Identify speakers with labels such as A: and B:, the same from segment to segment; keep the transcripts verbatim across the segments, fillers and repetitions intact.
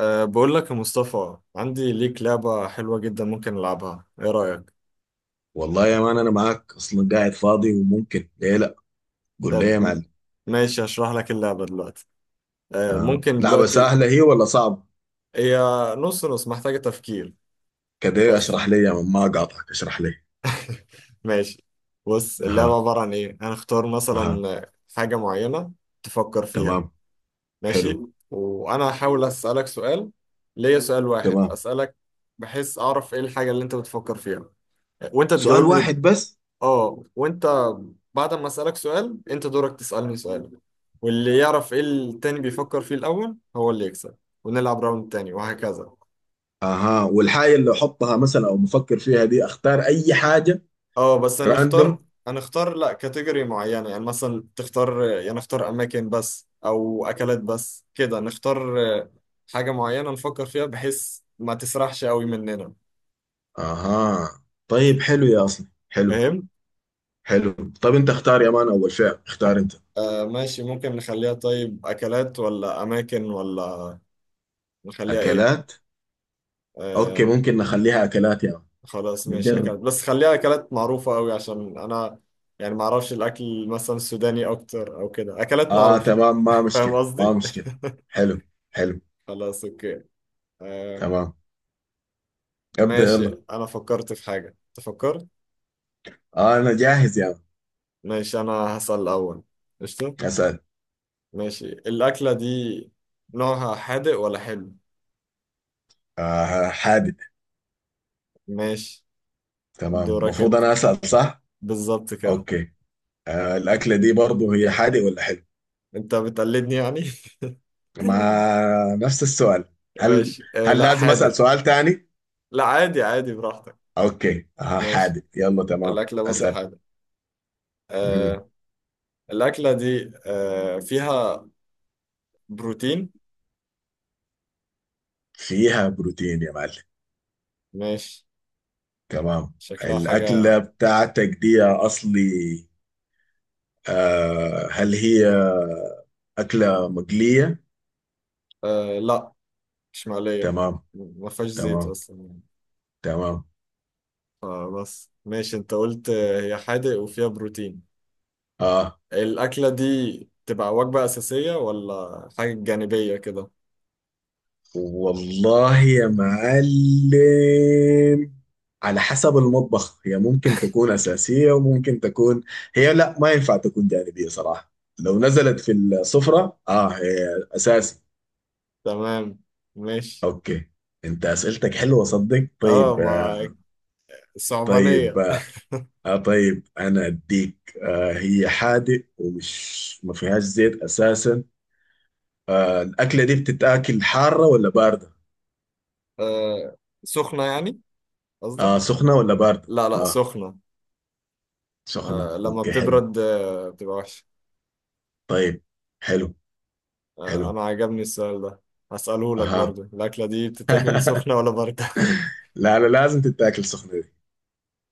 A: أه بقول لك يا مصطفى، عندي ليك لعبة حلوة جدا. ممكن نلعبها؟ ايه رأيك؟
B: والله يا مان انا معاك اصلا قاعد فاضي وممكن ليه لا. قول لي يا
A: طب م-
B: معلم.
A: ماشي، هشرح لك اللعبة دلوقتي. أه
B: آه.
A: ممكن
B: لعبه
A: دلوقتي.
B: سهله هي ولا صعب؟
A: هي نص نص، محتاجة تفكير
B: كده
A: بس.
B: اشرح لي يا مان، ما اقاطعك، اشرح لي.
A: ماشي، بص، اللعبة
B: اها،
A: عبارة عن ايه. هنختار
B: اها،
A: مثلا حاجة معينة تفكر فيها.
B: تمام، حلو،
A: ماشي. وانا هحاول اسألك سؤال. ليا سؤال واحد
B: تمام.
A: اسألك، بحيث اعرف ايه الحاجة اللي انت بتفكر فيها، وانت
B: سؤال
A: تجاوبني.
B: واحد بس؟
A: اه، وانت بعد ما اسالك سؤال، انت دورك تسالني سؤال. واللي يعرف ايه التاني بيفكر فيه الاول هو اللي يكسب. ونلعب راوند تاني وهكذا.
B: اها، والحاجه اللي احطها مثلا او بفكر فيها دي اختار اي حاجه؟
A: اه بس هنختار
B: راندوم؟
A: هنختار لا كاتيجوري معينة، يعني مثلا تختار، يعني نختار اماكن بس او اكلات بس. كده نختار حاجة معينة نفكر فيها، بحيث ما تسرحش قوي مننا.
B: اها، طيب حلو يا اصلا حلو،
A: فاهم؟
B: حلو. طب انت اختار يا مان، اول فعل اختار انت.
A: آه ماشي، ممكن نخليها طيب اكلات ولا اماكن ولا نخليها ايه؟
B: اكلات. اوكي
A: آه،
B: ممكن نخليها اكلات يا
A: خلاص
B: مان،
A: ماشي
B: نجرب.
A: اكلت بس، خليها اكلات معروفة قوي عشان انا يعني ما اعرفش الاكل مثلا السوداني اكتر او كده. اكلات
B: اه
A: معروفة.
B: تمام، ما
A: فاهم
B: مشكلة ما
A: قصدي؟
B: مشكلة حلو، حلو،
A: خلاص اوكي. آه
B: تمام. ابدأ يلا،
A: ماشي، انا فكرت في حاجة. انت فكرت؟
B: آه انا جاهز يا يعني.
A: ماشي، انا هسأل الاول. قشطة.
B: اسأل.
A: ماشي، الاكلة دي نوعها حادق ولا حلو؟
B: آه حادق.
A: ماشي،
B: تمام،
A: دورك
B: المفروض
A: انت،
B: انا اسأل صح؟
A: بالظبط كده.
B: اوكي. آه الاكلة دي برضو هي حادق ولا حلو؟
A: انت بتقلدني يعني؟
B: ما، نفس السؤال. هل،
A: ماشي، آه
B: هل
A: لا
B: لازم اسأل
A: حادق.
B: سؤال تاني؟
A: لا، عادي عادي، براحتك.
B: اوكي، آه
A: ماشي،
B: حادق. يلا تمام
A: الاكلة برضه
B: اسأل.
A: حادق.
B: مم.
A: آه، الأكلة دي آه، فيها بروتين.
B: فيها بروتين يا معلم؟
A: ماشي،
B: تمام.
A: شكلها
B: الأكلة
A: حاجة.
B: بتاعتك دي يا أصلي، آه هل هي أكلة مقلية؟
A: آه، لا، مش مقلية.
B: تمام،
A: ما فيهاش زيت
B: تمام،
A: أصلا يعني.
B: تمام.
A: فبس ماشي، أنت قلت آه، هي حادق وفيها بروتين.
B: اه
A: الأكلة دي تبقى وجبة أساسية ولا حاجة جانبية كده؟
B: والله يا معلم، على حسب المطبخ هي ممكن تكون أساسية وممكن تكون، هي لا ما ينفع تكون جانبية صراحة. لو نزلت في السفرة اه هي أساسي.
A: تمام ماشي.
B: اوكي. انت أسئلتك حلوة صدق.
A: اه
B: طيب آه،
A: ما
B: طيب،
A: صعبانية.
B: آه طيب انا اديك. آه هي حادق ومش، ما فيهاش زيت اساسا. آه الأكلة دي بتتاكل حارة ولا باردة؟
A: آه، سخنة يعني
B: آه
A: قصدك؟
B: سخنة ولا باردة؟
A: لا لا،
B: آه.
A: سخنة.
B: سخنة
A: آه، لما
B: اوكي حلو.
A: بتبرد آه، بتبقى وحشة.
B: طيب، حلو،
A: آه،
B: حلو،
A: انا عجبني السؤال ده. هسأله لك
B: اها.
A: برضو. الأكلة دي بتتاكل سخنة ولا باردة؟
B: لا لا لازم تتاكل سخنة دي.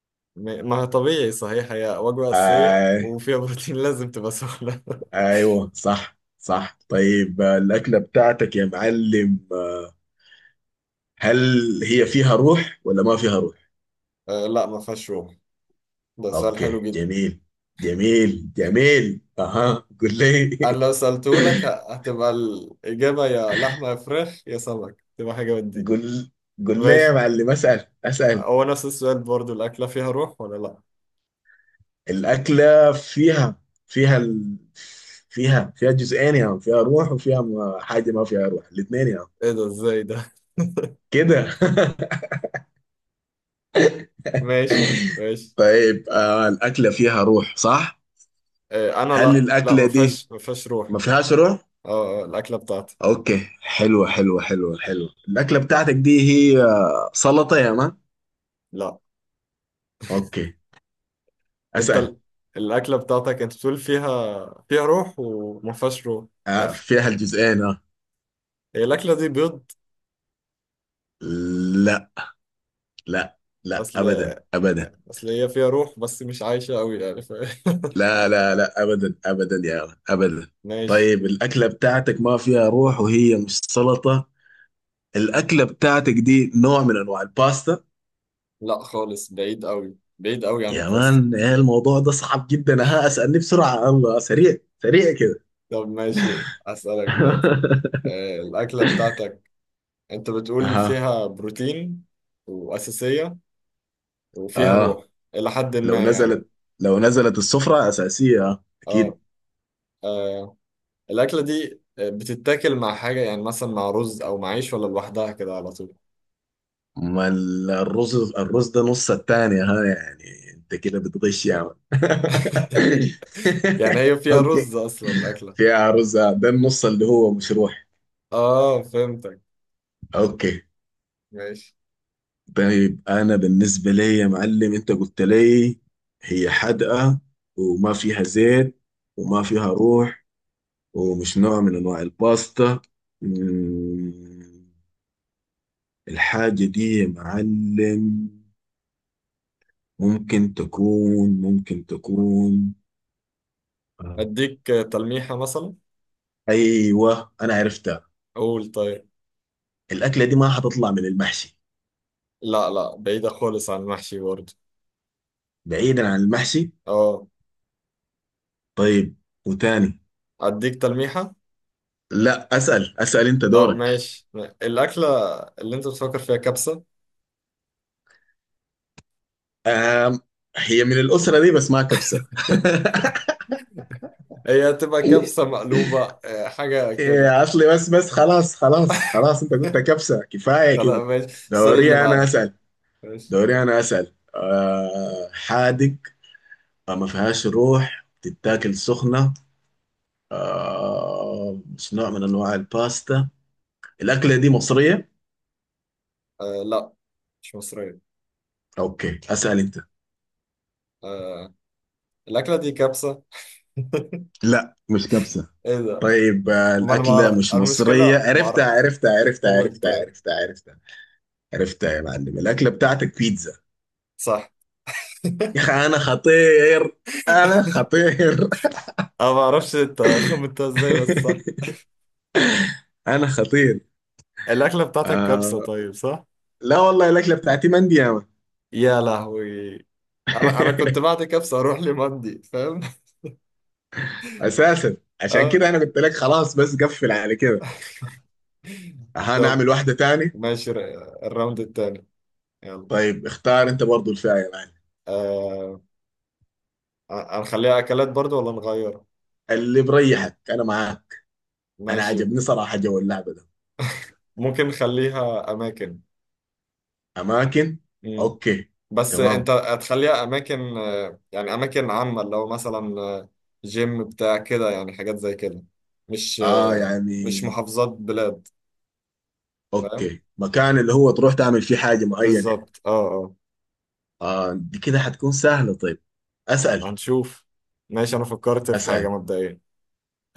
A: م- ما هي طبيعي صحيح، هي وجبة أساسية
B: آي،
A: وفيها بروتين. لازم تبقى سخنة.
B: ايوه صح صح. طيب آه، الأكلة بتاعتك يا معلم، آه، هل هي فيها روح ولا ما فيها روح؟
A: آه، لا ما فيهاش روم. ده سؤال
B: اوكي
A: حلو جدا.
B: جميل، جميل جميل، اها. قول لي.
A: أنا لو سألته لك ه- هتبقى الإجابة يا لحمة يا فراخ يا سمك، تبقى حاجة من دي.
B: قول، قول لي يا
A: ماشي،
B: معلم، اسأل، اسأل.
A: هو نفس السؤال برضو. الأكلة فيها روح ولا لا؟
B: الأكلة فيها، فيها ال... فيها فيها جزئين يا عم. فيها روح وفيها ما- حاجة ما فيها روح، الاثنين يا عم.
A: إيه ده؟ إزاي ده؟
B: كده.
A: ماشي ماشي.
B: طيب، آه الأكلة فيها روح صح؟
A: آه، أنا
B: هل
A: لا لا،
B: الأكلة
A: ما
B: دي
A: فيهاش ما فيهاش روح.
B: ما فيهاش روح؟
A: اه آه، الأكلة بتاعتي.
B: أوكي حلوة حلوة حلوة حلوة. الأكلة بتاعتك دي هي، آه، سلطة يا مان؟
A: لا،
B: أوكي.
A: انت
B: أسأل.
A: ال- الاكله بتاعتك، انت بتقول فيها فيها روح وما فيهاش روح.
B: آه
A: يس.
B: فيها الجزئين آه.
A: هي الاكله دي بيض؟
B: لا لا لا
A: اصل
B: أبدا أبدا.
A: اصل هي فيها روح بس مش عايشه قوي يعني ف...
B: لا لا لا أبدا أبدا يا مان أبدا.
A: ماشي.
B: طيب الأكلة بتاعتك ما فيها روح وهي مش سلطة. الأكلة بتاعتك دي نوع من أنواع الباستا؟
A: لا خالص، بعيد قوي بعيد قوي عن
B: يا
A: الباستا.
B: مان إيه الموضوع ده صعب جدا، ها اسألني بسرعة الله، سريع، سريع كده.
A: طب ماشي، اسالك دلوقتي. آه، الاكله بتاعتك انت بتقول
B: اها،
A: فيها بروتين واساسيه وفيها
B: اه.
A: روح الى حد
B: لو
A: ما يعني.
B: نزلت، لو نزلت السفرة أساسية آه،
A: اه
B: أكيد.
A: آه، الاكله دي بتتاكل مع حاجه، يعني مثلا مع رز او مع عيش، ولا لوحدها كده على طول؟
B: ما ال- الرز، الرز ده نص التاني ها، يعني أنت كده بتغش يا عم.
A: يعني هي فيها
B: أوكي.
A: رز اصلا الاكله؟
B: فيها رز آه، ده النص اللي هو مشروح.
A: اه فهمتك.
B: أوكي.
A: ماشي،
B: طيب أنا بالنسبة لي يا معلم أنت قلت لي هي حادقة، وما فيها زيت، وما فيها روح، ومش نوع من انواع الباستا. مم، الحاجة دي يا معلم ممكن تكون، ممكن تكون، آه.
A: اديك تلميحه مثلا؟
B: ايوه انا عرفتها.
A: قول طيب.
B: الاكلة دي ما حتطلع من المحشي؟
A: لا لا، بعيده خالص عن المحشي برضه.
B: بعيدا عن المحشي.
A: اه
B: طيب، وتاني.
A: اديك تلميحه.
B: لا اسأل، اسأل، انت
A: اه
B: دورك.
A: ماشي، الاكله اللي انت بتفكر فيها كبسه؟
B: آم، هي من الأسرة دي بس ما كبسة.
A: هي هتبقى كبسه مقلوبه، آه، حاجه كده؟
B: إيه، اصلي بس، بس خلاص خلاص خلاص، انت قلت كبسة كفاية
A: خلاص
B: كده.
A: ماشي. السؤال اللي
B: دوري انا
A: بعده.
B: اسأل.
A: ماشي.
B: دوري انا اسال. آه حادق، آه ما فيهاش روح، بتتاكل سخنه، آه مش نوع من انواع الباستا. الاكله دي مصريه؟
A: آه لا، مش مصريه.
B: اوكي اسال انت.
A: آه الاكله دي كبسه؟
B: لا مش كبسة.
A: ايه ده؟
B: طيب، آه
A: ما انا
B: الاكله
A: معرف
B: مش مصريه،
A: المشكله، معرف.
B: عرفتها عرفتها عرفتها
A: قول
B: عرفتها
A: طيب.
B: عرفتها عرفتها. عرفتها يا معلم، الاكله بتاعتك بيتزا؟
A: صح.
B: يا
A: أنا
B: اخي انا خطير، انا خطير.
A: ما أعرفش أنت خمنتها إزاي بس صح.
B: انا خطير.
A: الأكلة بتاعتك كبسة
B: آه
A: طيب، صح؟
B: لا والله الاكله بتاعتي مندي يا مان.
A: يا لهوي. أنا أنا كنت بعد كبسة أروح لمندي، فاهم؟
B: اساسا، عشان
A: أه.
B: كده انا قلت لك خلاص بس، قفل على كده.
A: طب
B: هنعمل واحده تاني.
A: ماشي، ر- الراوند التاني. يلا.
B: طيب اختار انت برضو الفئه يا معلم.
A: أه هنخليها أكلات برضو ولا نغير؟
B: اللي بريحك، انا معاك. انا
A: ماشي،
B: عجبني صراحه جو اللعبه ده.
A: ممكن نخليها أماكن.
B: اماكن،
A: مم.
B: اوكي،
A: بس
B: تمام.
A: أنت هتخليها أماكن، آه، يعني أماكن عامة، لو مثلا آه، جيم بتاع كده، يعني حاجات زي كده. مش
B: اه
A: آه،
B: يعني،
A: مش محافظات بلاد. فاهم؟
B: اوكي، مكان اللي هو تروح تعمل فيه حاجه معينه يعني.
A: بالظبط اه.
B: اه دي كده حتكون سهله، طيب.
A: اه
B: اسال،
A: هنشوف. ماشي، انا فكرت في حاجة
B: اسال.
A: مبدئيا.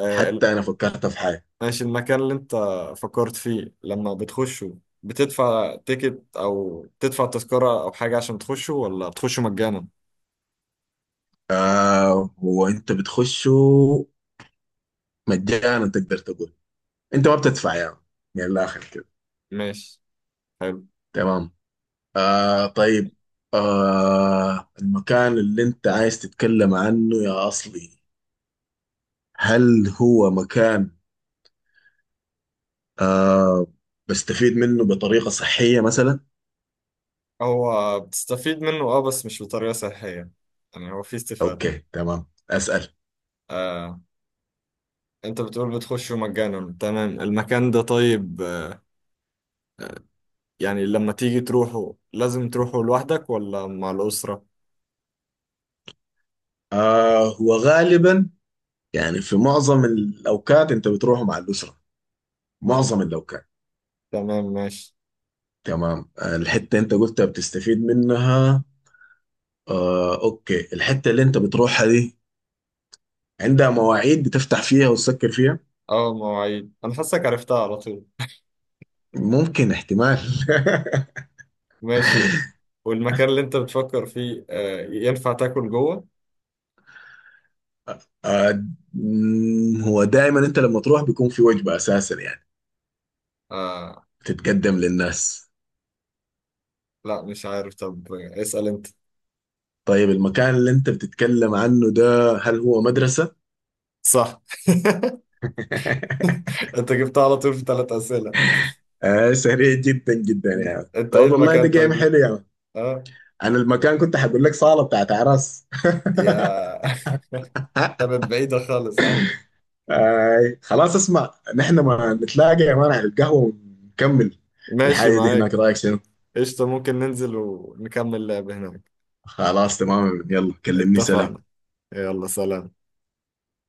A: آه ال-
B: حتى انا فكرت في حاجه.
A: ماشي، المكان اللي انت فكرت فيه لما بتخشه، بتدفع تيكت او تدفع تذكرة او حاجة عشان تخشه، ولا بتخشه مجانا؟
B: آه هو انت بتخشه مجانا، تقدر تقول انت ما بتدفع يا يعني، من الاخر كده.
A: ماشي حلو.
B: تمام، آه طيب. آه المكان اللي انت عايز تتكلم عنه يا أصلي، هل هو مكان آه بستفيد منه بطريقة صحية مثلا؟
A: هو بتستفيد منه اه، بس مش بطريقة صحية. يعني هو في استفادة.
B: اوكي تمام. أسأل.
A: آه انت بتقول بتخشه مجانا، تمام. المكان ده طيب آه، يعني لما تيجي تروحه، لازم تروحه لوحدك ولا مع الأسرة؟
B: آه هو غالبا يعني، في معظم الأوقات انت بتروح مع الأسرة، معظم الأوقات.
A: تمام ماشي.
B: تمام. آه الحتة انت قلتها بتستفيد منها، آه اوكي. الحتة اللي انت بتروحها دي عندها مواعيد بتفتح فيها وتسكر فيها؟
A: اه مواعيد، انا حاسك عرفتها على طول.
B: ممكن، احتمال.
A: ماشي. والمكان اللي انت بتفكر فيه آه، ينفع تاكل جوه؟
B: آه، مم، هو دائما انت لما تروح بيكون في وجبة اساسا يعني
A: آه
B: بتتقدم للناس؟
A: لا مش عارف. طب اسأل انت.
B: طيب المكان اللي انت بتتكلم عنه ده هل هو مدرسة؟
A: صح. انت جبتها على طول في ثلاث أسئلة.
B: آه سريع جدا جدا يعني،
A: انت ايه
B: طب والله ده
A: المكان
B: جيم
A: طيب؟
B: حلو يعني.
A: اه.
B: انا المكان كنت هقول لك صالة بتاعت اعراس.
A: يا كانت بعيدة خالص عني.
B: آه خلاص اسمع، نحن ما نتلاقى يا مان على القهوة ونكمل
A: ماشي
B: الحاجة دي
A: معاك.
B: هناك، رايك شنو؟
A: قشطة، ممكن ننزل ونكمل لعب هناك.
B: خلاص تمام، يلا كلمني، سلام.
A: اتفقنا. يلا سلام.